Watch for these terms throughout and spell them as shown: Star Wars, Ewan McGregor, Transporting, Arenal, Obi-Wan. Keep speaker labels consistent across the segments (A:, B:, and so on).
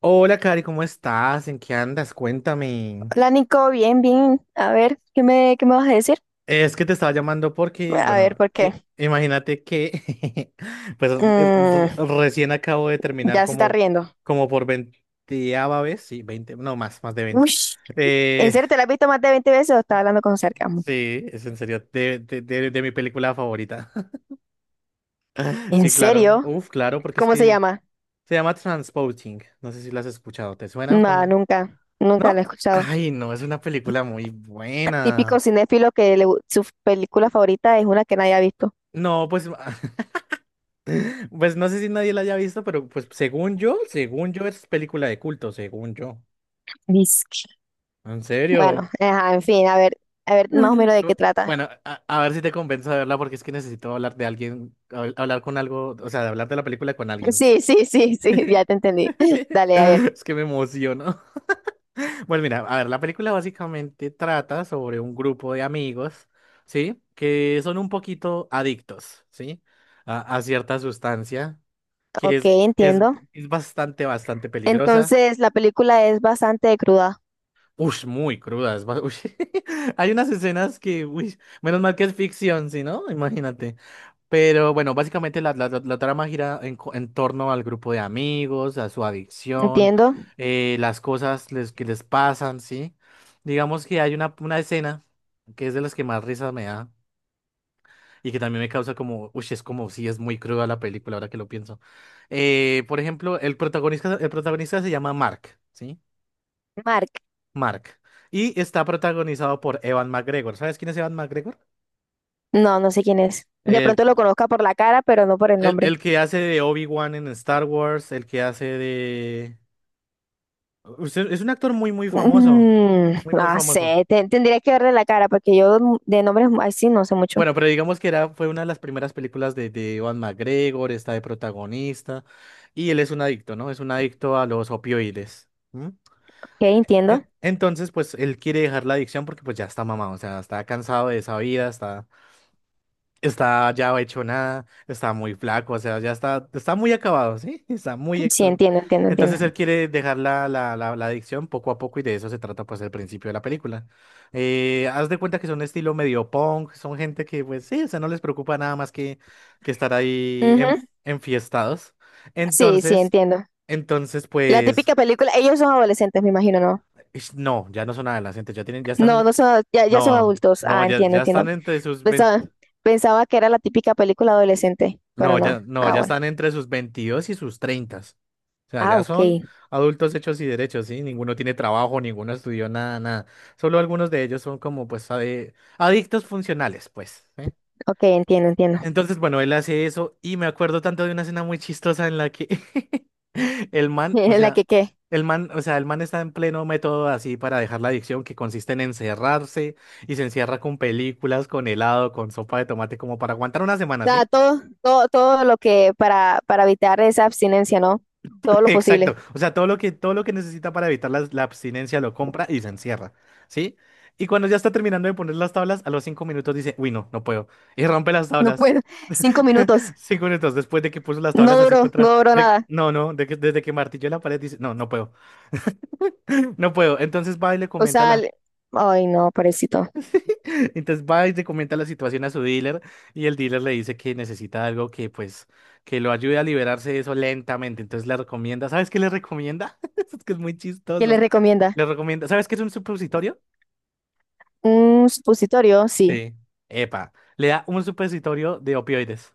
A: Hola, Cari, ¿cómo estás? ¿En qué andas? Cuéntame.
B: Hola Nico, bien, bien. A ver, ¿qué me vas a decir?
A: Es que te estaba llamando porque,
B: A ver,
A: bueno,
B: ¿por qué?
A: imagínate que, pues, el- r-
B: Mm,
A: recién acabo de terminar
B: ya se está
A: como,
B: riendo.
A: como por veinteava vez, sí, veinte, no más, más de veinte.
B: Uy, ¿en
A: Eh,
B: serio te la has visto más de 20 veces o estás hablando con sarcasmo?
A: sí, es en serio, de mi película favorita.
B: ¿En
A: Sí, claro,
B: serio?
A: uf, claro, porque es
B: ¿Cómo se
A: que
B: llama?
A: se llama Transporting. No sé si la has escuchado, ¿te suena?
B: No, nunca la he
A: ¿No?
B: escuchado.
A: Ay, no, es una película muy
B: Típico
A: buena.
B: cinéfilo que su película favorita es una que nadie ha visto.
A: No, pues pues no sé si nadie la haya visto, pero pues según yo es película de culto, según yo.
B: Disque.
A: ¿En serio?
B: Bueno, ajá, en fin, a ver, más o menos de
A: Bu-
B: qué trata.
A: Bueno, a ver si te convenzo de verla porque es que necesito hablar de alguien, hablar con algo, o sea, de hablar de la película con alguien.
B: Sí, sí, sí, sí, ya te entendí. Dale, a ver.
A: Es que me emociono. Bueno, mira, a ver, la película básicamente trata sobre un grupo de amigos, ¿sí? Que son un poquito adictos, ¿sí? A cierta sustancia que
B: Ok,
A: es, que es,
B: entiendo.
A: es bastante, bastante peligrosa.
B: Entonces, la película es bastante cruda,
A: Ush, muy crudas. Ush. Hay unas escenas que, uy, menos mal que es ficción, si no, imagínate. Pero bueno, básicamente la trama gira en, en torno al grupo de amigos, a su adicción,
B: entiendo.
A: las cosas que les pasan, ¿sí? Digamos que hay una escena que es de las que más risa me da y que también me causa como, uy, es como si es muy cruda la película, ahora que lo pienso. Por ejemplo, el protagonista se llama Mark, ¿sí?
B: Mark.
A: Mark. Y está protagonizado por Evan McGregor. ¿Sabes quién es Evan McGregor?
B: No, no sé quién es. De
A: El,
B: pronto lo conozca por la cara, pero no por el nombre.
A: el que hace de Obi-Wan en Star Wars, el que hace de... es un actor muy, muy famoso.
B: Mm,
A: Muy, muy
B: no
A: famoso.
B: sé, tendría que verle la cara porque yo de nombres así no sé mucho. Ok,
A: Bueno, pero digamos que era, fue una de las primeras películas de Ewan McGregor, está de protagonista, y él es un adicto, ¿no? Es un adicto a los opioides. ¿M?
B: entiendo.
A: Entonces, pues él quiere dejar la adicción porque pues ya está mamado, o sea, está cansado de esa vida, está... Está ya hecho nada, está muy flaco, o sea, está muy acabado, ¿sí? Está muy
B: Sí,
A: extremo.
B: entiendo, entiendo, entiendo.
A: Entonces él quiere dejar la adicción poco a poco y de eso se trata pues el principio de la película. Haz de cuenta que son estilo medio punk, son gente que pues sí, o sea, no les preocupa nada más que estar ahí en,
B: Ujú.
A: enfiestados.
B: Sí, sí,
A: Entonces,
B: entiendo.
A: entonces
B: La
A: pues,
B: típica película, ellos son adolescentes, me imagino, ¿no?
A: ish, no, ya no son adolescentes, ya tienen, ya
B: No,
A: están,
B: no son, ya, ya son
A: no,
B: adultos.
A: no,
B: Ah,
A: ya,
B: entiendo,
A: ya
B: entiendo.
A: están entre sus
B: Pensaba,
A: 20.
B: pensaba que era la típica película adolescente,
A: No,
B: pero no.
A: ya, no,
B: Ah,
A: ya
B: bueno.
A: están entre sus 22 y sus 30. O sea,
B: Ah,
A: ya
B: ok,
A: son adultos hechos y derechos, ¿sí? Ninguno tiene trabajo, ninguno estudió nada, nada. Solo algunos de ellos son como, pues, adictos funcionales, pues. ¿Sí?
B: ok, entiendo, entiendo.
A: Entonces, bueno, él hace eso y me acuerdo tanto de una escena muy chistosa en la que el man, o
B: La
A: sea,
B: que, ¿qué?
A: el man, o sea, el man está en pleno método así para dejar la adicción que consiste en encerrarse y se encierra con películas, con helado, con sopa de tomate, como para aguantar una semana,
B: Sea,
A: ¿sí?
B: todo, todo, todo lo que para evitar esa abstinencia, ¿no? Todo lo
A: Exacto.
B: posible.
A: O sea, todo lo que necesita para evitar la abstinencia lo compra y se encierra, ¿sí? Y cuando ya está terminando de poner las tablas, a los 5 minutos dice, uy, no, no puedo. Y rompe las
B: No
A: tablas.
B: puedo. Cinco minutos.
A: 5 minutos después de que puso las
B: No
A: tablas así
B: duró, no
A: contra...
B: duró
A: de-
B: nada.
A: no, no, de que- desde que martilló la pared dice, no, no puedo, no puedo. Entonces va y le
B: O
A: comenta a
B: sea,
A: la...
B: le- ay, no, pobrecito.
A: Entonces va y le comenta la situación a su dealer y el dealer le dice que necesita algo que pues que lo ayude a liberarse de eso lentamente. Entonces le recomienda, ¿sabes qué le recomienda? Es que es muy
B: ¿Qué le
A: chistoso.
B: recomienda?
A: Le recomienda, ¿sabes qué es un supositorio?
B: Un supositorio, sí.
A: Sí. Epa, le da un supositorio de opioides.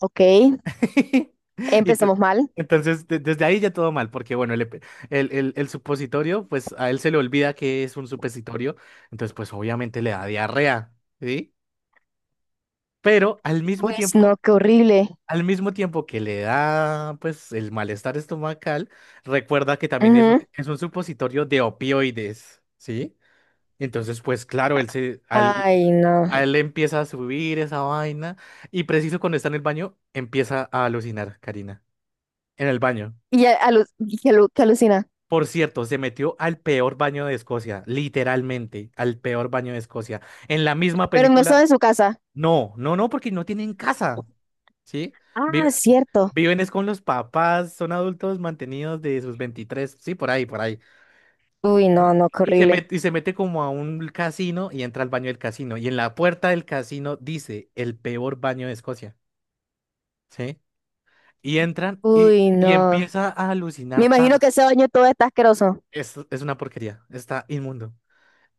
B: Ok.
A: Y te-
B: Empezamos mal.
A: entonces desde ahí ya todo mal, porque bueno, el, epe- el supositorio, pues a él se le olvida que es un supositorio, entonces pues obviamente le da diarrea, ¿sí? Pero al mismo
B: Pues
A: tiempo...
B: no, qué horrible.
A: Al mismo tiempo que le da, pues, el malestar estomacal, recuerda que también es,
B: Ujú.
A: es un supositorio de opioides, ¿sí? Entonces, pues, claro,
B: Ay, no.
A: a él le empieza a subir esa vaina y preciso cuando está en el baño, empieza a alucinar, Karina, en el baño.
B: Y y que alucina.
A: Por cierto, se metió al peor baño de Escocia, literalmente, al peor baño de Escocia. En la misma
B: Pero no estaba
A: película,
B: en su casa.
A: no, no, no, porque no tienen casa. ¿Sí?
B: Ah,
A: Vive-
B: cierto.
A: viven es con los papás, son adultos mantenidos de sus 23, sí, por ahí, por ahí.
B: Uy,
A: ¿Sí?
B: no, no, qué horrible.
A: Y se mete como a un casino y entra al baño del casino. Y en la puerta del casino dice el peor baño de Escocia, ¿sí? Y entran
B: Uy,
A: y
B: no.
A: empieza a
B: Me
A: alucinar.
B: imagino que ese baño todo está asqueroso.
A: Es una porquería, está inmundo.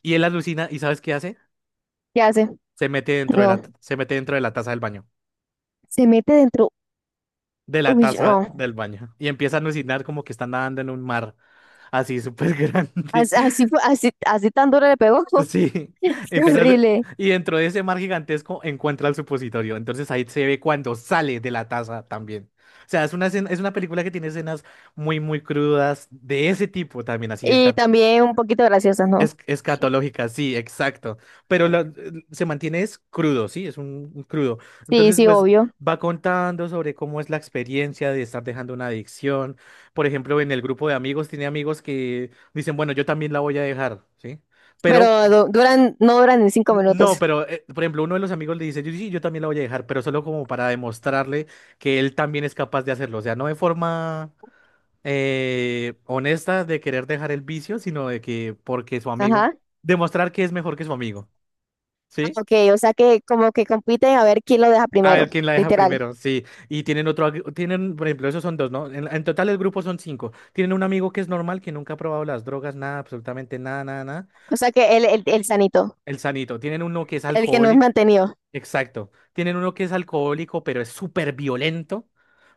A: Y él alucina y ¿sabes qué hace?
B: ¿Qué hace?
A: Se mete dentro de
B: No,
A: se mete dentro de la taza del baño,
B: se mete dentro.
A: de la
B: Uy,
A: taza
B: no.
A: del baño. Y empieza a alucinar como que está nadando en un mar así súper grande.
B: Así, así, así tan duro le pegó.
A: Sí,
B: Qué
A: empezar
B: horrible.
A: y dentro de ese mar gigantesco encuentra el supositorio. Entonces ahí se ve cuando sale de la taza también. O sea, es una película que tiene escenas muy muy crudas de ese tipo también,
B: Y también un poquito graciosas,
A: es
B: ¿no?
A: escatológicas, sí, exacto. Pero lo- se mantiene es crudo, sí, es un crudo.
B: Sí,
A: Entonces
B: sí,
A: pues
B: obvio.
A: va contando sobre cómo es la experiencia de estar dejando una adicción. Por ejemplo, en el grupo de amigos tiene amigos que dicen, bueno, yo también la voy a dejar, ¿sí?
B: Pero
A: Pero
B: duran, no duran ni cinco minutos.
A: no, pero por ejemplo, uno de los amigos le dice, yo, sí, yo también la voy a dejar, pero solo como para demostrarle que él también es capaz de hacerlo. O sea, no de forma honesta de querer dejar el vicio, sino de que porque su
B: Ajá.
A: amigo, demostrar que es mejor que su amigo,
B: Ah,
A: ¿sí?
B: ok, o sea que como que compiten a ver quién lo deja
A: A
B: primero,
A: ver quién la deja
B: literal.
A: primero, sí. Y tienen otro, tienen, por ejemplo, esos son dos, ¿no? En total el grupo son 5. Tienen un amigo que es normal, que nunca ha probado las drogas, nada, absolutamente nada, nada, nada.
B: O sea que el sanito,
A: El sanito. Tienen uno que es
B: el que no es
A: alcohólico.
B: mantenido.
A: Exacto. Tienen uno que es alcohólico, pero es súper violento,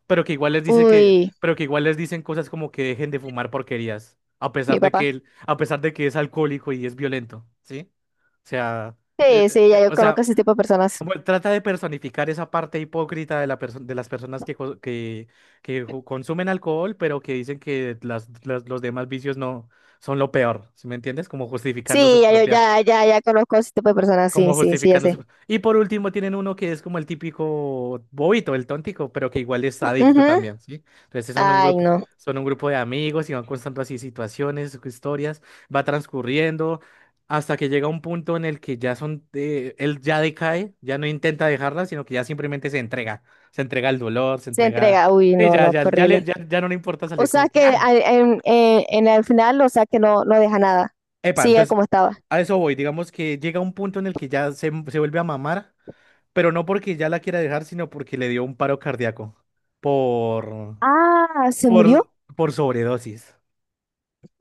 A: pero que igual les dice que,
B: Uy,
A: pero que igual les dicen cosas como que dejen de fumar porquerías, a pesar
B: mi
A: de que
B: papá.
A: él, a pesar de que es alcohólico y es violento, ¿sí? O sea,
B: Sí, sí, ya yo
A: o
B: conozco
A: sea,
B: ese tipo de personas.
A: como él trata de personificar esa parte hipócrita de de las personas que, consumen alcohol, pero que dicen que los demás vicios no son lo peor, ¿sí me entiendes? Como justificando
B: Sí,
A: su
B: ya yo
A: propia,
B: ya, ya, ya conozco ese tipo de personas. Sí,
A: como
B: sí, sí, ya
A: justificando
B: sé.
A: y por último tienen uno que es como el típico bobito, el tóntico, pero que igual es adicto
B: Ujú.
A: también, ¿sí? Entonces
B: Ay, no.
A: son un grupo de amigos y van constando así situaciones, historias, va transcurriendo hasta que llega un punto en el que ya son, él ya decae, ya no intenta dejarla, sino que ya simplemente se entrega al dolor, se
B: Se
A: entrega,
B: entrega, uy,
A: y
B: no, no, qué horrible.
A: ya no le importa
B: O
A: salir como
B: sea
A: que,
B: que
A: ah,
B: en, en el final, o sea que no, no deja nada.
A: epa,
B: Sigue
A: entonces
B: como estaba.
A: a eso voy, digamos que llega un punto en el que se vuelve a mamar pero no porque ya la quiera dejar, sino porque le dio un paro cardíaco por,
B: Ah, se murió,
A: por, por sobredosis.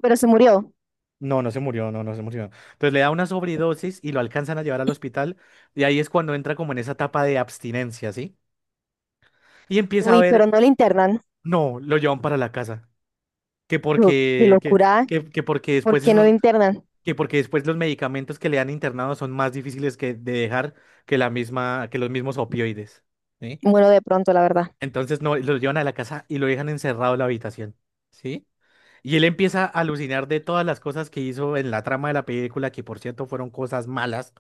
B: pero se murió.
A: No, no se murió, no, no se murió. Entonces le da una sobredosis y lo alcanzan a llevar al hospital y ahí es cuando entra como en esa etapa de abstinencia, ¿sí? Y empieza a
B: Uy, pero
A: ver,
B: no le internan.
A: no, lo llevan para la casa, que
B: Yo, qué
A: porque, que,
B: locura,
A: que porque
B: ¿por
A: después
B: qué no le
A: esos,
B: internan?
A: que porque después los medicamentos que le han internado son más difíciles que de dejar que la misma, que los mismos opioides. ¿Sí?
B: Bueno, de pronto, la verdad.
A: Entonces no, lo llevan a la casa y lo dejan encerrado en la habitación, ¿sí? Y él empieza a alucinar de todas las cosas que hizo en la trama de la película, que por cierto fueron cosas malas,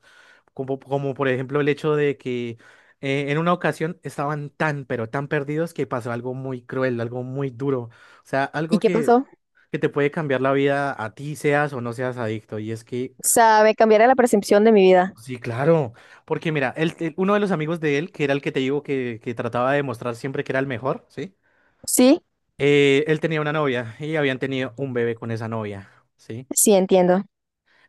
A: como, como por ejemplo el hecho de que en una ocasión estaban tan, pero tan perdidos que pasó algo muy cruel, algo muy duro, o sea, algo
B: ¿Y qué pasó?
A: que te puede cambiar la vida a ti, seas o no seas adicto. Y es que,
B: O sea, me cambiará la percepción de mi vida.
A: sí, claro, porque mira, uno de los amigos de él, que era el que te digo que trataba de demostrar siempre que era el mejor, ¿sí?
B: Sí,
A: Él tenía una novia y habían tenido un bebé con esa novia, ¿sí?
B: sí, entiendo.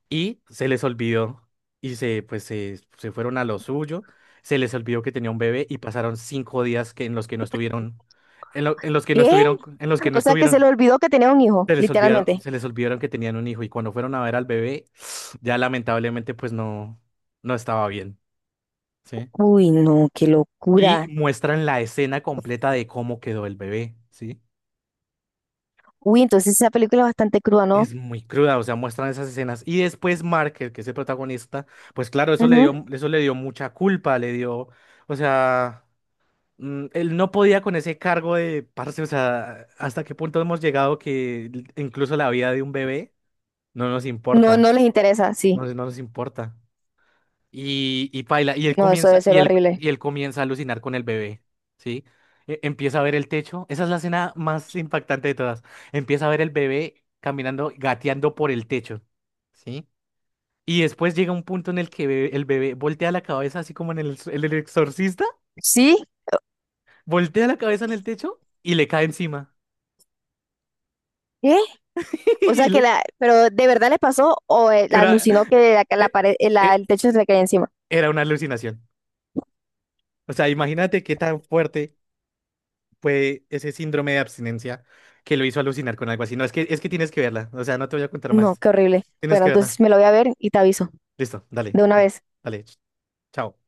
A: Y se les olvidó y se, pues, se fueron a lo suyo, se les olvidó que tenía un bebé y pasaron 5 días que, en los que no estuvieron, en los que no
B: ¿Qué?
A: estuvieron, en los que no
B: O sea que se le
A: estuvieron.
B: olvidó que tenía un hijo, literalmente.
A: Se les olvidaron que tenían un hijo y cuando fueron a ver al bebé, ya lamentablemente pues no, no estaba bien, ¿sí?
B: Uy, no, qué
A: Y
B: locura.
A: muestran la escena completa de cómo quedó el bebé, ¿sí?
B: Uy, entonces esa película es bastante cruda, ¿no?
A: Es muy cruda, o sea, muestran esas escenas. Y después Mark, el que es el protagonista, pues claro,
B: Ujú.
A: eso le dio mucha culpa, le dio, o sea, mm, él no podía con ese cargo de, parce, o sea, hasta qué punto hemos llegado que incluso la vida de un bebé no nos
B: No, no
A: importa,
B: les interesa,
A: no,
B: sí.
A: no nos importa. Y paila,
B: No, eso debe ser horrible.
A: y él comienza a alucinar con el bebé, ¿sí? Empieza a ver el techo, esa es la escena más impactante de todas. Empieza a ver el bebé caminando, gateando por el techo, ¿sí? Y después llega un punto en el que el bebé voltea la cabeza, así como en en el exorcista,
B: ¿Sí?
A: voltea la cabeza en el techo y le cae encima.
B: ¿Qué? O
A: Y
B: sea que
A: le-
B: la, pero ¿de verdad le pasó o la
A: era,
B: alucinó
A: e-
B: que la
A: e-
B: pared,
A: e-
B: el techo se le caía encima?
A: era una alucinación. O sea, imagínate qué tan fuerte fue ese síndrome de abstinencia que lo hizo alucinar con algo así. No, es que tienes que verla. O sea, no te voy a contar
B: No,
A: más.
B: qué horrible.
A: Tienes
B: Bueno,
A: que verla.
B: entonces me lo voy a ver y te aviso
A: Listo, dale.
B: de una
A: Bueno,
B: vez.
A: dale. Chao.